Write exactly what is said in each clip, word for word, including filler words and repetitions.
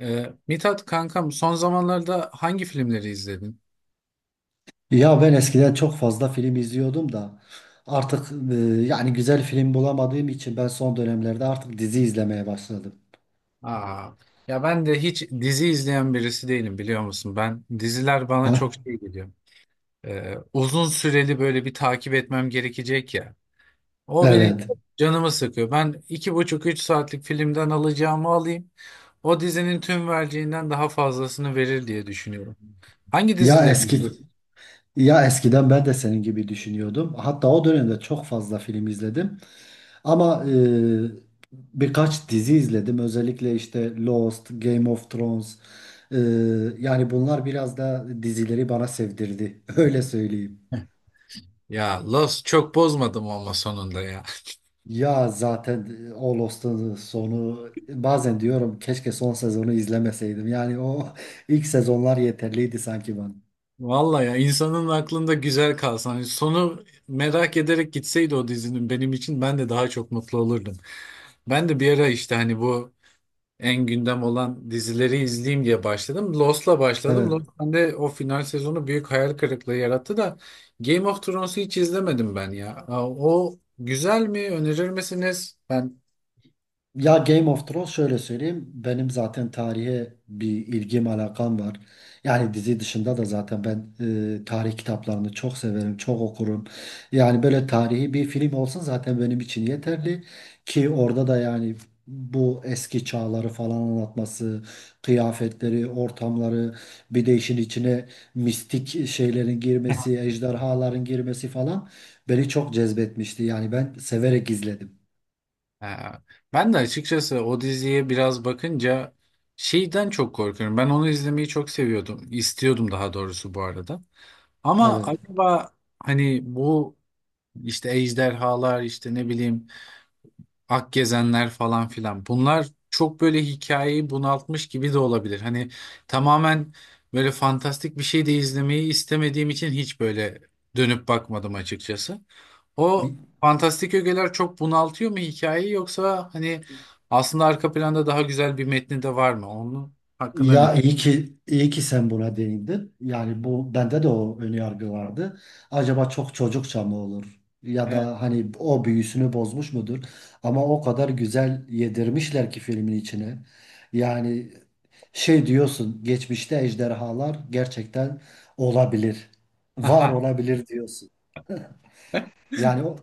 Ee, Mithat kankam son zamanlarda hangi filmleri izledin? Ya ben eskiden çok fazla film izliyordum da artık e, yani güzel film bulamadığım için ben son dönemlerde artık dizi izlemeye başladım. Aa, ya ben de hiç dizi izleyen birisi değilim, biliyor musun? Ben diziler bana çok Ha? şey geliyor. Ee, uzun süreli böyle bir takip etmem gerekecek ya. O beni Evet. Canımı sıkıyor. Ben iki buçuk üç saatlik filmden alacağımı alayım. O dizinin tüm vereceğinden daha fazlasını verir diye düşünüyorum. Hangi Ya dizileri? eski ya eskiden ben de senin gibi düşünüyordum. Hatta o dönemde çok fazla film izledim. Ama e, birkaç dizi izledim. Özellikle işte Lost, Game of Thrones. E, Yani bunlar biraz da dizileri bana sevdirdi. Öyle söyleyeyim. Ya Lost çok bozmadım ama sonunda ya. Ya zaten o Lost'un sonu bazen diyorum keşke son sezonu izlemeseydim. Yani o ilk sezonlar yeterliydi sanki bana. Vallahi ya, insanın aklında güzel kalsın. Hani sonu merak ederek gitseydi o dizinin, benim için ben de daha çok mutlu olurdum. Ben de bir ara işte hani bu en gündem olan dizileri izleyeyim diye başladım. Lost'la başladım. Evet. Lost bende o final sezonu büyük hayal kırıklığı yarattı da Game of Thrones'u hiç izlemedim ben ya. Aa, o güzel mi? Önerir misiniz? Ben Ya Game of Thrones şöyle söyleyeyim. Benim zaten tarihe bir ilgim alakam var. Yani dizi dışında da zaten ben e, tarih kitaplarını çok severim, çok okurum. Yani böyle tarihi bir film olsun zaten benim için yeterli. Ki orada da yani bu eski çağları falan anlatması, kıyafetleri, ortamları, bir de işin içine mistik şeylerin girmesi, ejderhaların girmesi falan beni çok cezbetmişti. Yani ben severek izledim. Ha, Ben de açıkçası o diziye biraz bakınca şeyden çok korkuyorum. Ben onu izlemeyi çok seviyordum. İstiyordum daha doğrusu bu arada. Ama Evet. acaba hani bu işte ejderhalar, işte ne bileyim, Akgezenler falan filan, bunlar çok böyle hikayeyi bunaltmış gibi de olabilir. Hani tamamen böyle fantastik bir şey de izlemeyi istemediğim için hiç böyle dönüp bakmadım açıkçası. O fantastik ögeler çok bunaltıyor mu hikayeyi, yoksa hani aslında arka planda daha güzel bir metni de var mı? Onun hakkında ne? Ya iyi ki iyi ki sen buna değindin. Yani bu bende de o ön yargı vardı. Acaba çok çocukça mı olur? Ya E, da hani o büyüsünü bozmuş mudur? Ama o kadar güzel yedirmişler ki filmin içine. Yani şey diyorsun, geçmişte ejderhalar gerçekten olabilir. Var aha. olabilir diyorsun. Yani o,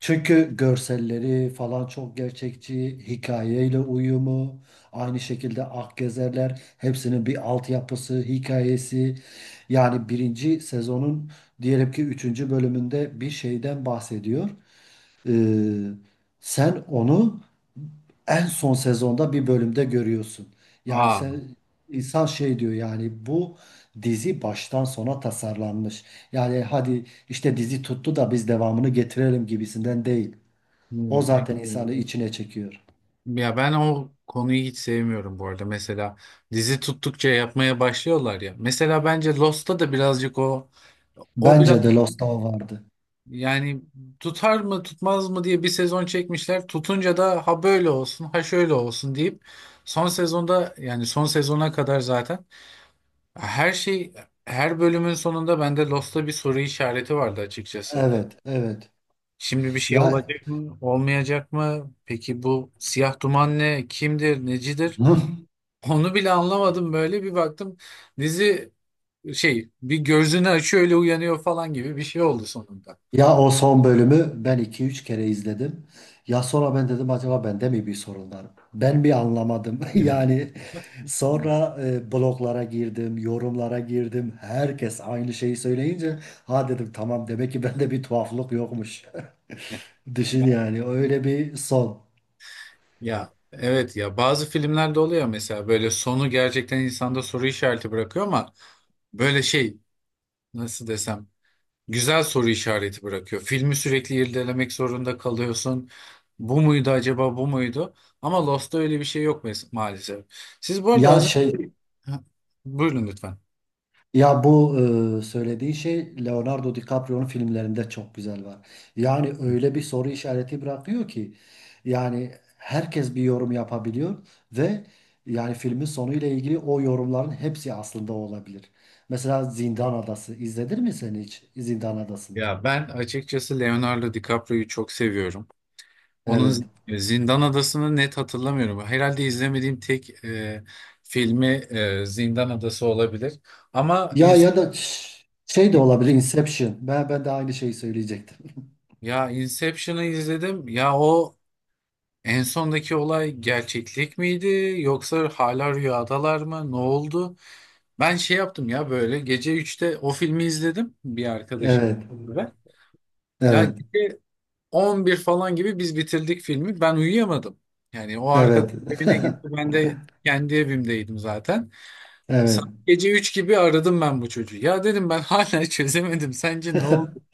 çünkü görselleri falan çok gerçekçi, hikayeyle uyumu, aynı şekilde Akgezerler hepsinin bir altyapısı, hikayesi. Yani birinci sezonun diyelim ki üçüncü bölümünde bir şeyden bahsediyor. Ee, Sen onu en son sezonda bir bölümde görüyorsun. Yani Aa. sen insan şey diyor yani bu dizi baştan sona tasarlanmış. Yani hadi işte dizi tuttu da biz devamını getirelim gibisinden değil. O Hmm. E, zaten insanı içine çekiyor. Ya ben o konuyu hiç sevmiyorum bu arada. Mesela dizi tuttukça yapmaya başlıyorlar ya. Mesela bence Lost'ta da birazcık o o biraz, Bence de Lost'ta o vardı. yani tutar mı tutmaz mı diye bir sezon çekmişler. Tutunca da ha böyle olsun ha şöyle olsun deyip son sezonda, yani son sezona kadar zaten her şey, her bölümün sonunda bende Lost'ta bir soru işareti vardı açıkçası. Evet, evet. Şimdi bir şey Ya olacak mı, olmayacak mı? Peki bu siyah duman ne, kimdir, necidir? Hı. Onu bile anlamadım, böyle bir baktım. Dizi şey, bir gözünü açıyor, öyle uyanıyor falan gibi bir şey oldu sonunda. Ya o son bölümü ben iki üç kere izledim. Ya sonra ben dedim acaba bende mi bir sorun var? Ben bir anlamadım. Yani sonra e, bloglara girdim, yorumlara girdim. Herkes aynı şeyi söyleyince ha dedim tamam demek ki bende bir tuhaflık yokmuş. Ya Düşün yani öyle bir son. Ya evet, ya bazı filmlerde oluyor mesela, böyle sonu gerçekten insanda soru işareti bırakıyor ama böyle şey, nasıl desem, güzel soru işareti bırakıyor. Filmi sürekli irdelemek zorunda kalıyorsun. Bu muydu acaba, bu muydu? Ama Lost'ta öyle bir şey yok mes- maalesef. Siz bu arada Ya az şey Ha, Buyurun lütfen. Ya bu e, söylediği şey Leonardo DiCaprio'nun filmlerinde çok güzel var. Yani öyle bir soru işareti bırakıyor ki yani herkes bir yorum yapabiliyor ve yani filmin sonuyla ilgili o yorumların hepsi aslında olabilir. Mesela Zindan Adası izledin mi sen hiç Zindan Adası'nı? Ya ben açıkçası Leonardo DiCaprio'yu çok seviyorum. Onun Evet. Z- Zindan Adası'nı net hatırlamıyorum. Herhalde izlemediğim tek e, filmi e, Zindan Adası olabilir. Ama Ya Inse- ya da ş- şey de olabilir Inception. Ben ben de aynı şeyi söyleyecektim. ya Inception'ı izledim. Ya o, en sondaki olay gerçeklik miydi yoksa hala rüyadalar mı? Ne oldu? Ben şey yaptım ya, böyle gece üçte o filmi izledim bir Evet. arkadaşım. ve Ya Evet. gece on bir falan gibi biz bitirdik filmi. Ben uyuyamadım. Yani o arkadaş Evet. evine gitti. Ben de kendi evimdeydim zaten. Evet. Saat gece üç gibi aradım ben bu çocuğu. Ya dedim ben hala çözemedim. Sence ne oldu?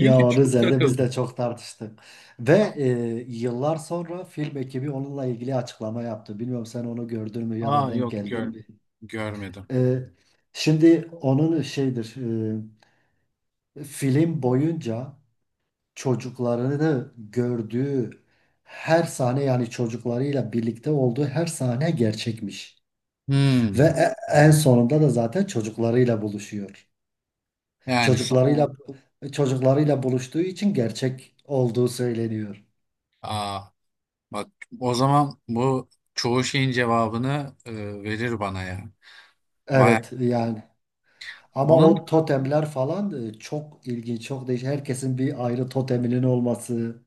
Ya onun çok üzerine biz de takıldım. çok tartıştık. Ve e, yıllar sonra film ekibi onunla ilgili açıklama yaptı. Bilmiyorum sen onu gördün mü ya da Aa denk yok, geldin gör mi? görmedim. E, Şimdi onun şeydir, e, film boyunca çocuklarını gördüğü her sahne yani çocuklarıyla birlikte olduğu her sahne gerçekmiş. Ve Hmm. e- en sonunda da zaten çocuklarıyla buluşuyor. Yani son- Çocuklarıyla O çocuklarıyla buluştuğu için gerçek olduğu söyleniyor. Aa, bak o zaman bu çoğu şeyin cevabını e, verir bana ya. Baya Evet yani. Ama onun o totemler falan e, çok ilginç, çok değişik. Herkesin bir ayrı toteminin olması.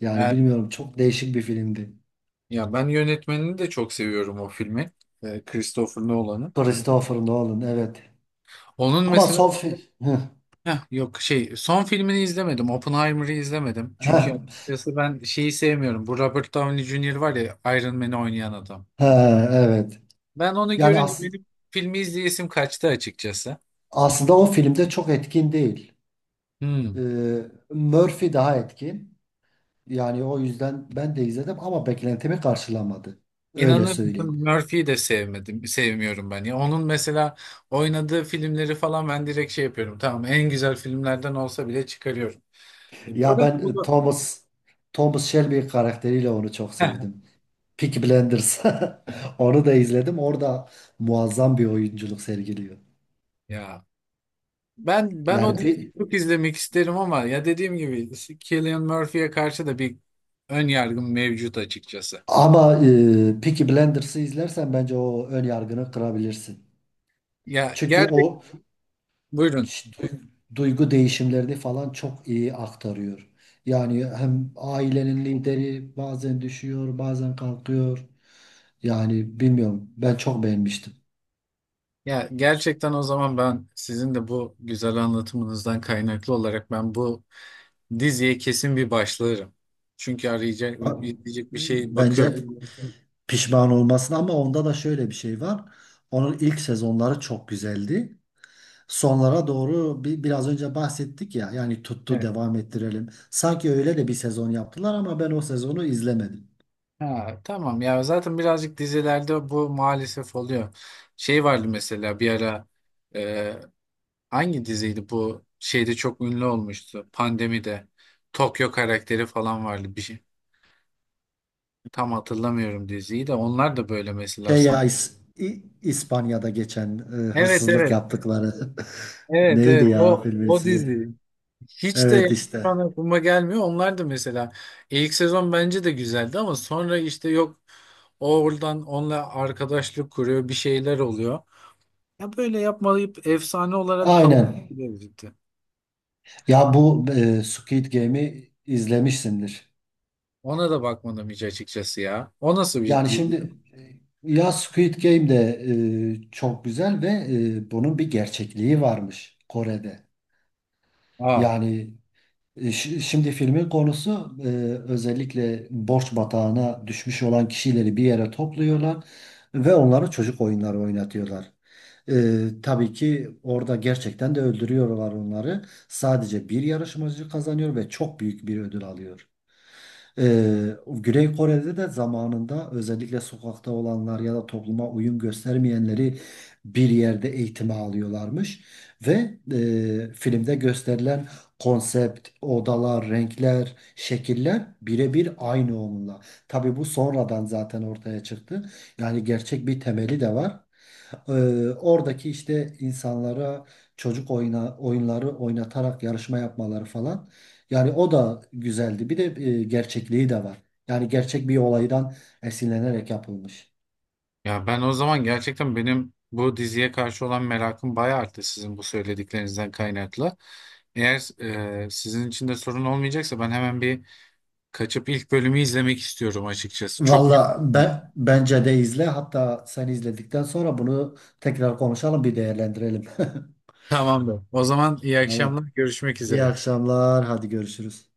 Yani e, bilmiyorum çok değişik bir filmdi. ya ben yönetmenini de çok seviyorum o filmi. E, Christopher Nolan'ı. Christopher Nolan evet. Onun Ama mesela Sophie Heh, heh, yok şey, son filmini izlemedim. Oppenheimer'ı izlemedim. Çünkü heh, açıkçası ben şeyi sevmiyorum. Bu Robert Downey Junior var ya, Iron Man'i oynayan adam. heh, evet. Ben onu Yani görünce as benim filmi izleyesim kaçtı açıkçası. Aslında o filmde çok etkin değil. Hmm. Ee, Murphy daha etkin. Yani o yüzden ben de izledim ama beklentimi karşılamadı. Öyle İnanır mısın, söyleyeyim. Murphy'yi de sevmedim, sevmiyorum ben. Ya onun mesela oynadığı filmleri falan ben direkt şey yapıyorum. Tamam en güzel filmlerden olsa bile çıkarıyorum. E, bu Ya arada ben e, bunu Thomas Thomas Shelby karakteriyle onu çok sevdim. Peaky Blinders. Onu da izledim. Orada muazzam bir oyunculuk sergiliyor. ya ben ben o Yani diziyi pi- çok izlemek isterim ama ya dediğim gibi Cillian Murphy'ye karşı da bir ön yargım mevcut açıkçası. Ama e, Peaky Blinders'ı izlersen bence o ön yargını kırabilirsin. Ya Çünkü gerçek o Buyurun. ş- duy- duygu değişimlerini falan çok iyi aktarıyor. Yani hem ailenin lideri bazen düşüyor, bazen kalkıyor. Yani bilmiyorum. Ben çok beğenmiştim. Ya gerçekten o zaman ben sizin de bu güzel anlatımınızdan kaynaklı olarak ben bu diziye kesin bir başlarım. Çünkü arayacak diyecek bir şey Bence bakıyorum. pişman olmasın ama onda da şöyle bir şey var. Onun ilk sezonları çok güzeldi. Sonlara doğru bir, biraz önce bahsettik ya yani tuttu Evet. devam ettirelim. Sanki öyle de bir sezon yaptılar ama ben o sezonu izlemedim. Ha, tamam ya, zaten birazcık dizilerde bu maalesef oluyor. Şey vardı mesela bir ara, e, hangi diziydi bu, şeyde çok ünlü olmuştu pandemide. Tokyo karakteri falan vardı bir şey. Tam hatırlamıyorum diziyi de, onlar da böyle mesela Şey ya son. İs- İ- İspanya'da geçen e, Evet hırsızlık evet, yaptıkları evet neydi evet, ya o filmin o ismi? dizi hiç de, Evet yani şu işte. an aklıma gelmiyor. Onlar da mesela ilk sezon bence de güzeldi ama sonra işte yok, o oradan onunla arkadaşlık kuruyor, bir şeyler oluyor. Ya böyle yapmayıp efsane olarak kalıp Aynen. gidebilirdi. Ya bu e, Squid Game'i izlemişsindir. Ona da bakmadım hiç açıkçası ya. O nasıl bir Yani dizi? şimdi e, ya Squid Game de e, çok güzel ve e, bunun bir gerçekliği varmış Kore'de. Aa. Yani e, şi- şimdi filmin konusu e, özellikle borç batağına düşmüş olan kişileri bir yere topluyorlar ve onlara çocuk oyunları oynatıyorlar. E, tabii ki orada gerçekten de öldürüyorlar onları. Sadece bir yarışmacı kazanıyor ve çok büyük bir ödül alıyor. Ee, Güney Kore'de de zamanında özellikle sokakta olanlar ya da topluma uyum göstermeyenleri bir yerde eğitime alıyorlarmış. Ve e, filmde gösterilen konsept, odalar, renkler, şekiller birebir aynı onunla. Tabii bu sonradan zaten ortaya çıktı. Yani gerçek bir temeli de var. Ee, oradaki işte insanlara çocuk oyna, oyunları oynatarak yarışma yapmaları falan. Yani o da güzeldi. Bir de e, gerçekliği de var. Yani gerçek bir olaydan esinlenerek yapılmış. Ya ben o zaman gerçekten benim bu diziye karşı olan merakım bayağı arttı sizin bu söylediklerinizden kaynaklı. Eğer e, sizin için de sorun olmayacaksa ben hemen bir kaçıp ilk bölümü izlemek istiyorum açıkçası. Çok merak Valla ettim. ben bence de izle. Hatta sen izledikten sonra bunu tekrar konuşalım, bir değerlendirelim. Tamamdır. O zaman iyi akşamlar. Tamam. Görüşmek İyi üzere. akşamlar. Hadi görüşürüz.